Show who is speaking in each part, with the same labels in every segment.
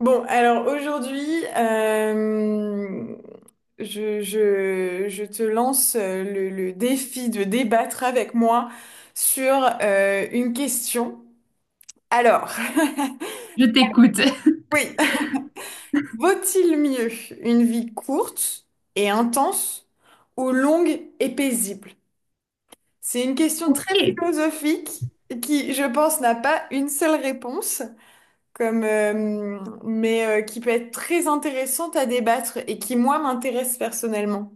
Speaker 1: Bon, alors aujourd'hui, je te lance le défi de débattre avec moi sur une question. Alors,
Speaker 2: Je t'écoute.
Speaker 1: oui, vaut-il mieux une vie courte et intense ou longue et paisible? C'est une question
Speaker 2: Ok.
Speaker 1: très
Speaker 2: Eh,
Speaker 1: philosophique qui, je pense, n'a pas une seule réponse. Mais qui peut être très intéressante à débattre et qui, moi, m'intéresse personnellement.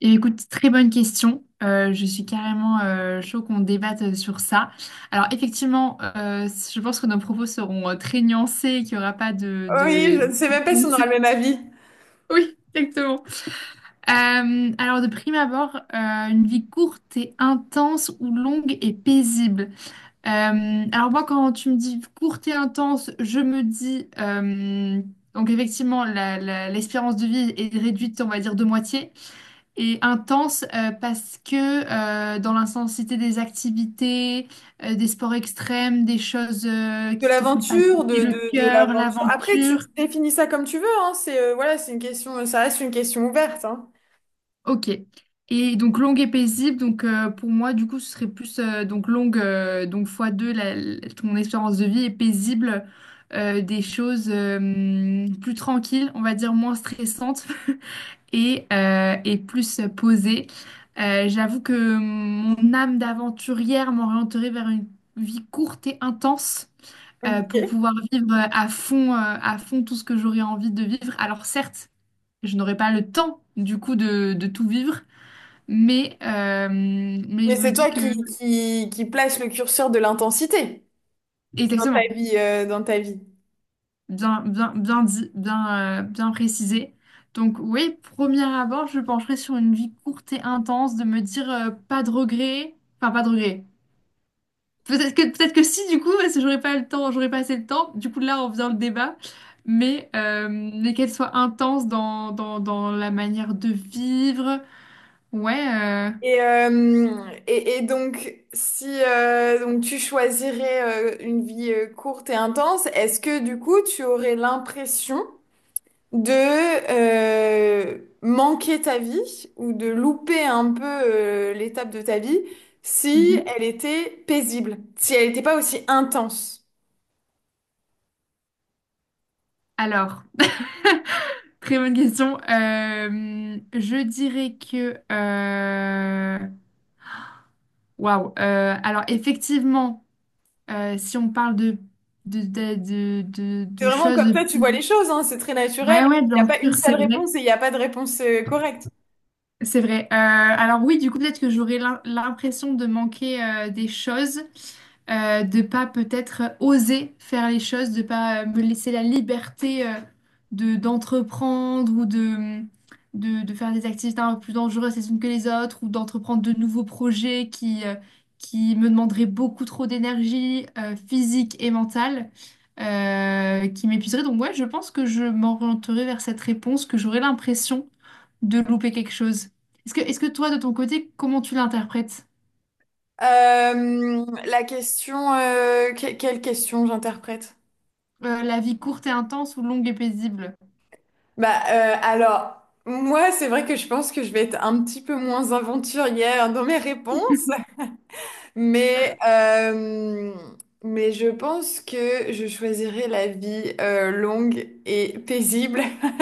Speaker 2: bien, écoute, très bonne question. Je suis carrément chaud qu'on débatte sur ça. Alors effectivement, je pense que nos propos seront très nuancés et qu'il n'y aura pas de,
Speaker 1: Oui,
Speaker 2: de...
Speaker 1: je ne sais même pas si on aura le même avis.
Speaker 2: Oui, exactement. Alors de prime abord, une vie courte et intense ou longue et paisible. Alors moi, quand tu me dis courte et intense, je me dis, donc effectivement, l'espérance de vie est réduite, on va dire, de moitié. Et intense, parce que, dans l'intensité des activités, des sports extrêmes, des choses
Speaker 1: De
Speaker 2: qui te font
Speaker 1: l'aventure,
Speaker 2: palpiter le
Speaker 1: de
Speaker 2: cœur,
Speaker 1: l'aventure. Après, tu
Speaker 2: l'aventure.
Speaker 1: définis ça comme tu veux, hein. C'est, voilà, c'est une question, ça reste une question ouverte, hein.
Speaker 2: Ok. Et donc longue et paisible. Donc, pour moi, du coup, ce serait plus, donc longue, donc fois deux ton espérance de vie et paisible, des choses, plus tranquilles, on va dire moins stressantes. Et plus posée. J'avoue que mon âme d'aventurière m'orienterait vers une vie courte et intense, pour
Speaker 1: Ok.
Speaker 2: pouvoir vivre à fond tout ce que j'aurais envie de vivre. Alors certes, je n'aurais pas le temps du coup de tout vivre, mais
Speaker 1: Mais
Speaker 2: je me
Speaker 1: c'est
Speaker 2: dis
Speaker 1: toi
Speaker 2: que.
Speaker 1: qui place le curseur de l'intensité dans ta
Speaker 2: Exactement.
Speaker 1: vie, euh, dans ta vie.
Speaker 2: Bien, bien, bien dit, bien, bien précisé. Donc oui, premier abord, je pencherai sur une vie courte et intense, de me dire, pas de regrets. Enfin, pas de regrets. Peut-être que si, du coup, parce que j'aurais pas le temps, j'aurais pas assez le temps. Du coup, là, on faisant le débat, mais qu'elle soit intense dans la manière de vivre. Ouais.
Speaker 1: Et, euh, et donc, si donc tu choisirais une vie courte et intense, est-ce que du coup tu aurais l'impression de manquer ta vie ou de louper un peu l'étape de ta vie si
Speaker 2: Mhm.
Speaker 1: elle était paisible, si elle n'était pas aussi intense?
Speaker 2: Alors, très bonne question. Je dirais que. Waouh. Alors, effectivement, si on parle de, de, de, de, de-
Speaker 1: C'est
Speaker 2: de
Speaker 1: vraiment comme
Speaker 2: choses.
Speaker 1: ça tu vois les choses, hein, c'est très naturel.
Speaker 2: Ouais, ouais,
Speaker 1: Il n'y a
Speaker 2: bien
Speaker 1: pas une
Speaker 2: sûr,
Speaker 1: seule
Speaker 2: c'est vrai.
Speaker 1: réponse et il n'y a pas de réponse correcte.
Speaker 2: C'est vrai. Alors oui, du coup, peut-être que j'aurais l'impression de manquer, des choses, de pas peut-être oser faire les choses, de pas, me laisser la liberté, de d'entreprendre ou de faire des activités un peu plus dangereuses les unes que les autres ou d'entreprendre de nouveaux projets qui, qui me demanderaient beaucoup trop d'énergie, physique et mentale. Qui m'épuiseraient. Donc ouais, je pense que je m'orienterai vers cette réponse, que j'aurais l'impression de louper quelque chose. Est-ce que toi, de ton côté, comment tu l'interprètes?
Speaker 1: La question, quelle question j'interprète?
Speaker 2: La vie courte et intense ou longue et paisible?
Speaker 1: Bah, alors moi c'est vrai que je pense que je vais être un petit peu moins aventurière dans mes réponses, mais euh, mais je pense que je choisirais la vie longue et paisible.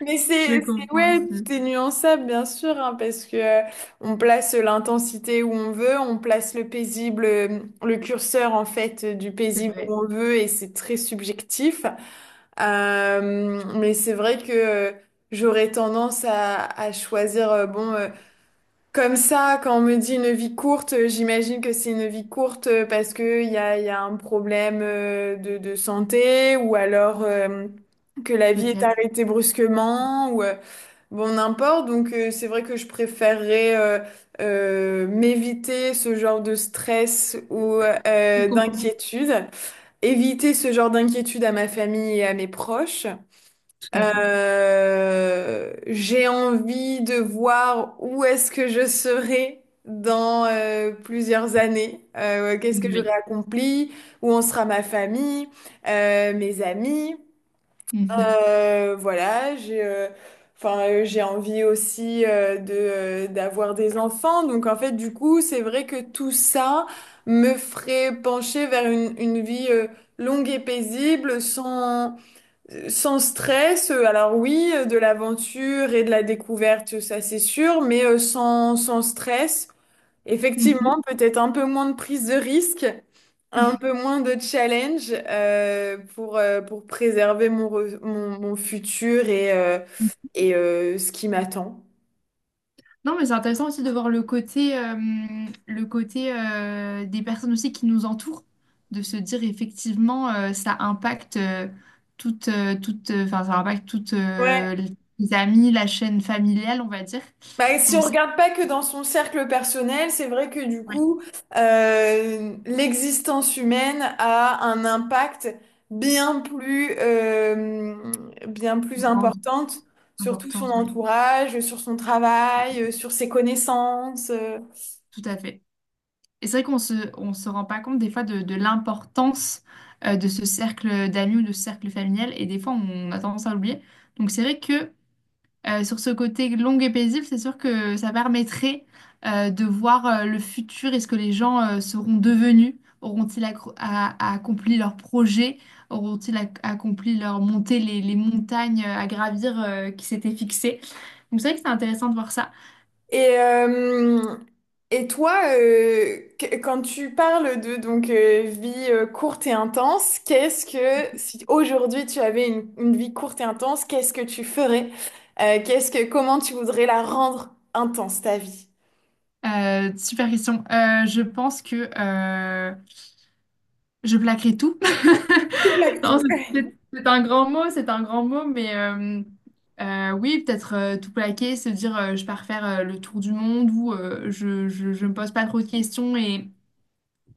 Speaker 1: Mais
Speaker 2: Je
Speaker 1: c'est
Speaker 2: comprends
Speaker 1: ouais, tout
Speaker 2: aussi.
Speaker 1: est nuançable bien sûr, hein, parce que on place l'intensité où on veut, on place le curseur en fait du
Speaker 2: C'est
Speaker 1: paisible où
Speaker 2: vrai,
Speaker 1: on veut et c'est très subjectif. Mais c'est vrai que j'aurais tendance à choisir, bon, comme ça, quand on me dit une vie courte, j'imagine que c'est une vie courte parce que il y a un problème de santé ou alors que la vie est
Speaker 2: peut-être.
Speaker 1: arrêtée brusquement ou bon, n'importe. Donc, c'est vrai que je préférerais m'éviter ce genre de stress ou
Speaker 2: Je comprends.
Speaker 1: d'inquiétude, éviter ce genre d'inquiétude à ma famille et à mes proches.
Speaker 2: Tout à fait.
Speaker 1: J'ai envie de voir où est-ce que je serai dans plusieurs années. Qu'est-ce que j'aurai
Speaker 2: Oui.
Speaker 1: accompli, où en sera ma famille, mes amis. Voilà, j'ai enfin j'ai envie aussi de d'avoir des enfants. Donc en fait, du coup, c'est vrai que tout ça me ferait pencher vers une vie longue et paisible sans stress, alors oui, de l'aventure et de la découverte, ça c'est sûr, mais sans stress.
Speaker 2: Mhm.
Speaker 1: Effectivement,
Speaker 2: Mhm.
Speaker 1: peut-être un peu moins de prise de risque, un peu moins de challenge pour préserver mon futur et ce qui m'attend.
Speaker 2: Non, mais c'est intéressant aussi de voir le côté, des personnes aussi qui nous entourent, de se dire effectivement, ça impacte, toute, toute, enfin, ça impacte toutes,
Speaker 1: Ouais.
Speaker 2: les amis, la chaîne familiale, on va dire.
Speaker 1: Bah, si on
Speaker 2: Donc c'est
Speaker 1: regarde pas que dans son cercle personnel, c'est vrai que du
Speaker 2: oui,
Speaker 1: coup, l'existence humaine a un impact bien plus, euh, bien
Speaker 2: une
Speaker 1: plus
Speaker 2: grande
Speaker 1: importante sur tout son
Speaker 2: importance, oui,
Speaker 1: entourage, sur son travail, sur ses connaissances.
Speaker 2: tout à fait. Et c'est vrai qu'on se rend pas compte des fois de l'importance, de ce cercle d'amis ou de ce cercle familial, et des fois on a tendance à l'oublier. Donc c'est vrai que, sur ce côté long et paisible, c'est sûr que ça permettrait, de voir, le futur et ce que les gens, seront devenus. Auront-ils accompli leurs projets? Auront-ils accompli leur montée, les montagnes, à gravir, qui s'étaient fixées? Donc c'est vrai que c'est intéressant de voir ça.
Speaker 1: Et, euh, et toi, quand tu parles de donc vie courte et intense, qu'est-ce que si aujourd'hui tu avais une vie courte et intense, qu'est-ce que tu ferais? Qu'est-ce que Comment tu voudrais la rendre intense ta vie?
Speaker 2: Super question. Je pense que, je plaquerai tout.
Speaker 1: Tu plaques
Speaker 2: Non,
Speaker 1: tout.
Speaker 2: c'est c'est- c'est un grand mot, c'est un grand mot, mais oui, peut-être, tout plaquer, se dire, je pars faire, le tour du monde ou, je me pose pas trop de questions et,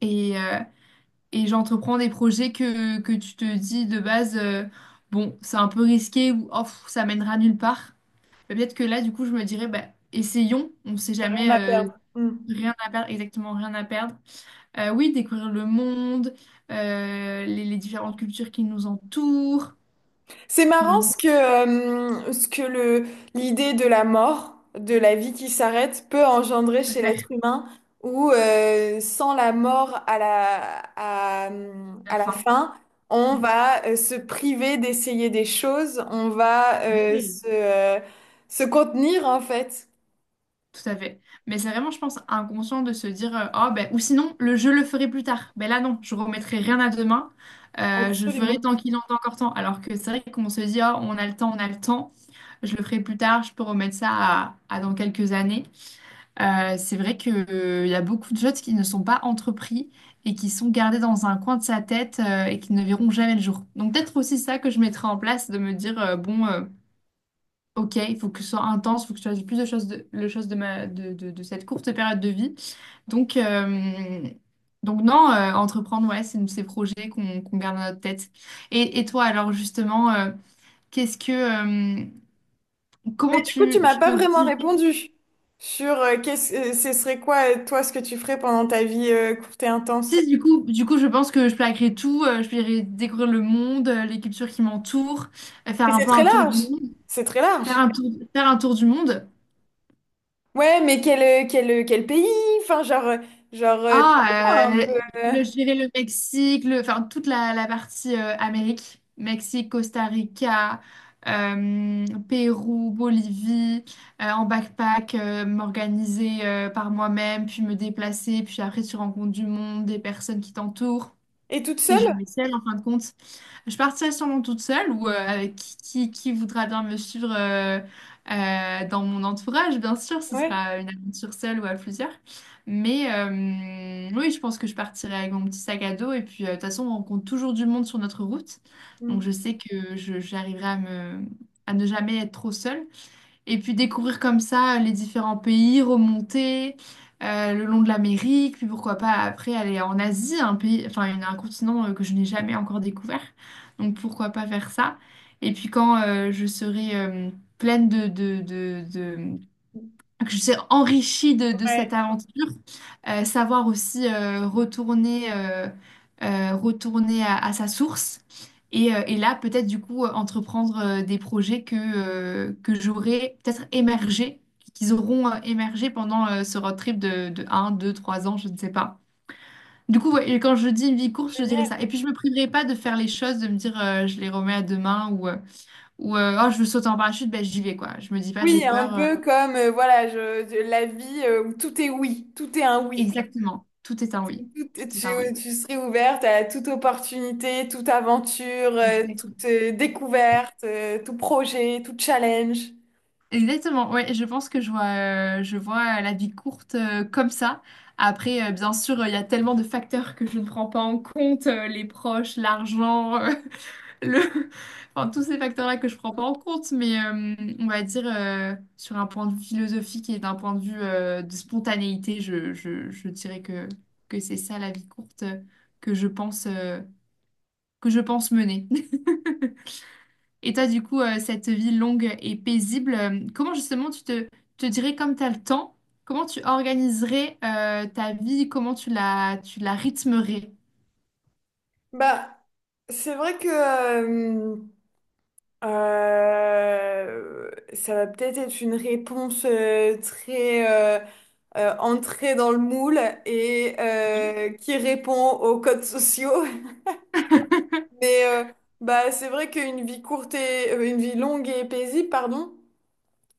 Speaker 2: et, euh, et j'entreprends des projets que tu te dis de base, bon, c'est un peu risqué, ou oh, pff, ça mènera nulle part. Mais peut-être que là, du coup, je me dirais, bah, essayons, on sait
Speaker 1: Rien
Speaker 2: jamais,
Speaker 1: à perdre. Mm.
Speaker 2: rien à perdre, exactement, rien à perdre. Oui, découvrir le monde, les différentes cultures qui nous entourent.
Speaker 1: C'est
Speaker 2: Mais
Speaker 1: marrant
Speaker 2: bon,
Speaker 1: ce que l'idée de la mort, de la vie qui s'arrête, peut engendrer
Speaker 2: à
Speaker 1: chez
Speaker 2: faire
Speaker 1: l'être humain, où sans la mort à la, à,
Speaker 2: la
Speaker 1: à la
Speaker 2: fin.
Speaker 1: fin, on
Speaker 2: Mm.
Speaker 1: va se priver d'essayer des choses, on va
Speaker 2: Oui.
Speaker 1: se contenir en fait.
Speaker 2: Tout à fait. Mais c'est vraiment, je pense, inconscient de se dire, oh, ben, ou sinon, le je le ferai plus tard. Ben là, non, je remettrai rien à demain. Je ferai
Speaker 1: Absolument.
Speaker 2: tant qu'il en est encore temps. Alors que c'est vrai qu'on se dit, oh, on a le temps, on a le temps. Je le ferai plus tard, je peux remettre ça à dans quelques années. C'est vrai qu'il y a beaucoup de choses qui ne sont pas entrepris et qui sont gardées dans un coin de sa tête, et qui ne verront jamais le jour. Donc peut-être aussi ça que je mettrai en place, de me dire, bon, ok, il faut que ce soit intense, il faut que je fasse plus de choses de, le chose de, ma, de cette courte période de vie. Donc, euh, donc non, entreprendre, ouais, c'est ces projets qu'on garde dans notre tête. Et toi, alors justement, qu'est-ce que,
Speaker 1: Mais
Speaker 2: comment
Speaker 1: du coup, tu
Speaker 2: tu,
Speaker 1: m'as
Speaker 2: tu
Speaker 1: pas
Speaker 2: te
Speaker 1: vraiment
Speaker 2: diriges.
Speaker 1: répondu sur ce serait quoi, toi, ce que tu ferais pendant ta vie courte et intense.
Speaker 2: Du coup, je pense que je plaquerai tout, je plairai découvrir le monde, les cultures qui m'entourent,
Speaker 1: Mais
Speaker 2: faire un
Speaker 1: c'est
Speaker 2: peu
Speaker 1: très
Speaker 2: un tour
Speaker 1: large,
Speaker 2: du monde,
Speaker 1: c'est très large.
Speaker 2: faire un tour du monde.
Speaker 1: Ouais, mais quel pays? Enfin, genre, toi,
Speaker 2: Ah,
Speaker 1: un peu. euh,
Speaker 2: je dirais le Mexique, le, enfin toute la partie, Amérique, Mexique, Costa Rica, Pérou, Bolivie, en backpack, m'organiser, par moi-même, puis me déplacer, puis après tu rencontres du monde, des personnes qui t'entourent.
Speaker 1: Et toute
Speaker 2: T'es
Speaker 1: seule?
Speaker 2: jamais seule en fin de compte. Je partirai sûrement toute seule ou, avec qui voudra bien me suivre, dans mon entourage, bien sûr, ce
Speaker 1: Ouais.
Speaker 2: sera une aventure seule ou à plusieurs. Mais oui, je pense que je partirai avec mon petit sac à dos et puis, de toute façon, on rencontre toujours du monde sur notre route. Donc
Speaker 1: Mm,
Speaker 2: je sais que j'arriverai à me, à ne jamais être trop seule. Et puis découvrir comme ça les différents pays, remonter, le long de l'Amérique, puis pourquoi pas après aller en Asie, un pays, enfin un continent, que je n'ai jamais encore découvert. Donc pourquoi pas faire ça. Et puis quand, je serai, pleine de, que je suis enrichie de cette
Speaker 1: ouais,
Speaker 2: aventure, savoir aussi, retourner, retourner à sa source et là peut-être du coup, entreprendre, des projets que j'aurais peut-être émergé, qu'ils auront, émergé pendant, ce road trip de 1, 2, 3 ans, je ne sais pas. Du coup, ouais, et quand je dis une vie courte, je dirais
Speaker 1: génial.
Speaker 2: ça. Et puis, je me priverai pas de faire les choses, de me dire, je les remets à demain ou, oh, je veux sauter en parachute, ben, j'y vais, quoi. Je me dis pas j'ai
Speaker 1: Oui, un
Speaker 2: peur.
Speaker 1: peu comme, voilà, la vie où tout est oui, tout est un oui.
Speaker 2: Exactement. Tout est un oui.
Speaker 1: Tu
Speaker 2: Tout est un oui.
Speaker 1: serais ouverte à toute opportunité, toute aventure, toute
Speaker 2: Exactement.
Speaker 1: découverte, tout projet, tout challenge.
Speaker 2: Exactement. Ouais, je pense que je vois la vie courte, comme ça. Après, bien sûr, il y a tellement de facteurs que je ne prends pas en compte, les proches, l'argent, le... enfin, tous ces facteurs-là que je ne prends pas en compte, mais on va dire, sur un point de vue philosophique et d'un point de vue, de spontanéité, je dirais que c'est ça la vie courte, que je pense, euh, que je pense mener. Et toi, du coup, cette vie longue et paisible, comment justement tu te dirais comme tu as le temps, comment tu organiserais, ta vie, comment tu la rythmerais?
Speaker 1: Bah, c'est vrai que ça va peut-être être une réponse très entrée dans le moule et qui répond aux codes sociaux. Mais bah, c'est vrai qu'une vie courte et une vie longue et paisible, pardon.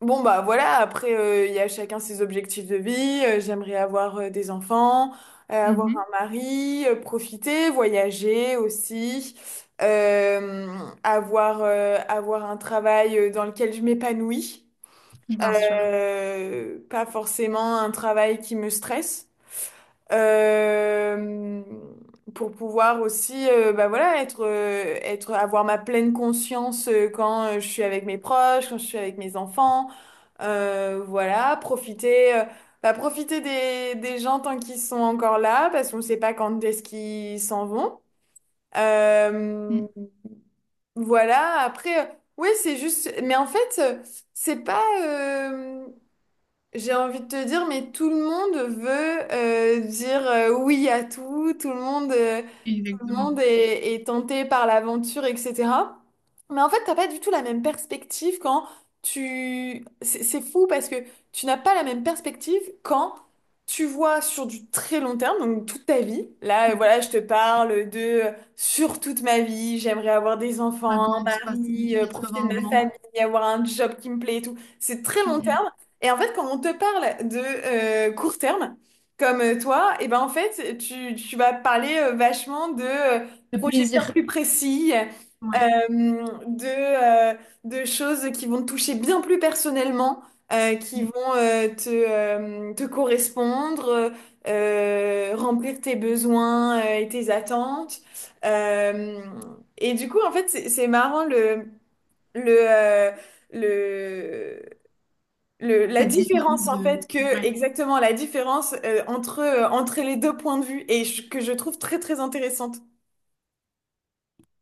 Speaker 1: Bon, bah, voilà, après il y a chacun ses objectifs de vie. J'aimerais avoir des enfants, avoir
Speaker 2: Mhm,
Speaker 1: un mari, profiter, voyager aussi, euh, avoir un travail dans lequel je m'épanouis.
Speaker 2: bien sûr.
Speaker 1: Pas forcément un travail qui me stresse. Euh, pour pouvoir aussi bah voilà, avoir ma pleine conscience quand je suis avec mes proches, quand je suis avec mes enfants. Voilà, profiter, bah, profiter des gens tant qu'ils sont encore là, parce qu'on ne sait pas quand est-ce qu'ils s'en vont.
Speaker 2: Mm,
Speaker 1: Euh, voilà, après, ouais, c'est juste, mais en fait, c'est pas, j'ai envie de te dire, mais tout le monde veut dire oui à tout, tout le monde. Le
Speaker 2: exactement.
Speaker 1: monde est tenté par l'aventure, etc. Mais en fait, t'as pas du tout la même perspective quand tu... C'est fou parce que tu n'as pas la même perspective quand tu vois sur du très long terme, donc toute ta vie. Là, voilà, je te parle de sur toute ma vie, j'aimerais avoir des enfants, un
Speaker 2: 50, 60,
Speaker 1: mari, profiter de
Speaker 2: 80
Speaker 1: ma
Speaker 2: ans.
Speaker 1: famille, avoir un job qui me plaît et tout. C'est très long
Speaker 2: Mm,
Speaker 1: terme.
Speaker 2: mm.
Speaker 1: Et en fait, quand on te parle de court terme, comme toi, et ben en fait, tu vas parler vachement de
Speaker 2: Le
Speaker 1: projets bien
Speaker 2: plaisir.
Speaker 1: plus précis, euh,
Speaker 2: Ouais.
Speaker 1: de, euh, de choses qui vont te toucher bien plus personnellement, qui
Speaker 2: Mm.
Speaker 1: vont te correspondre, remplir tes besoins et tes attentes. Euh, et du coup, en fait, c'est marrant le, euh, le, la
Speaker 2: Cette différence
Speaker 1: différence en
Speaker 2: de...
Speaker 1: fait que
Speaker 2: Ouais.
Speaker 1: exactement la différence entre les deux points de vue et que je trouve très très intéressante.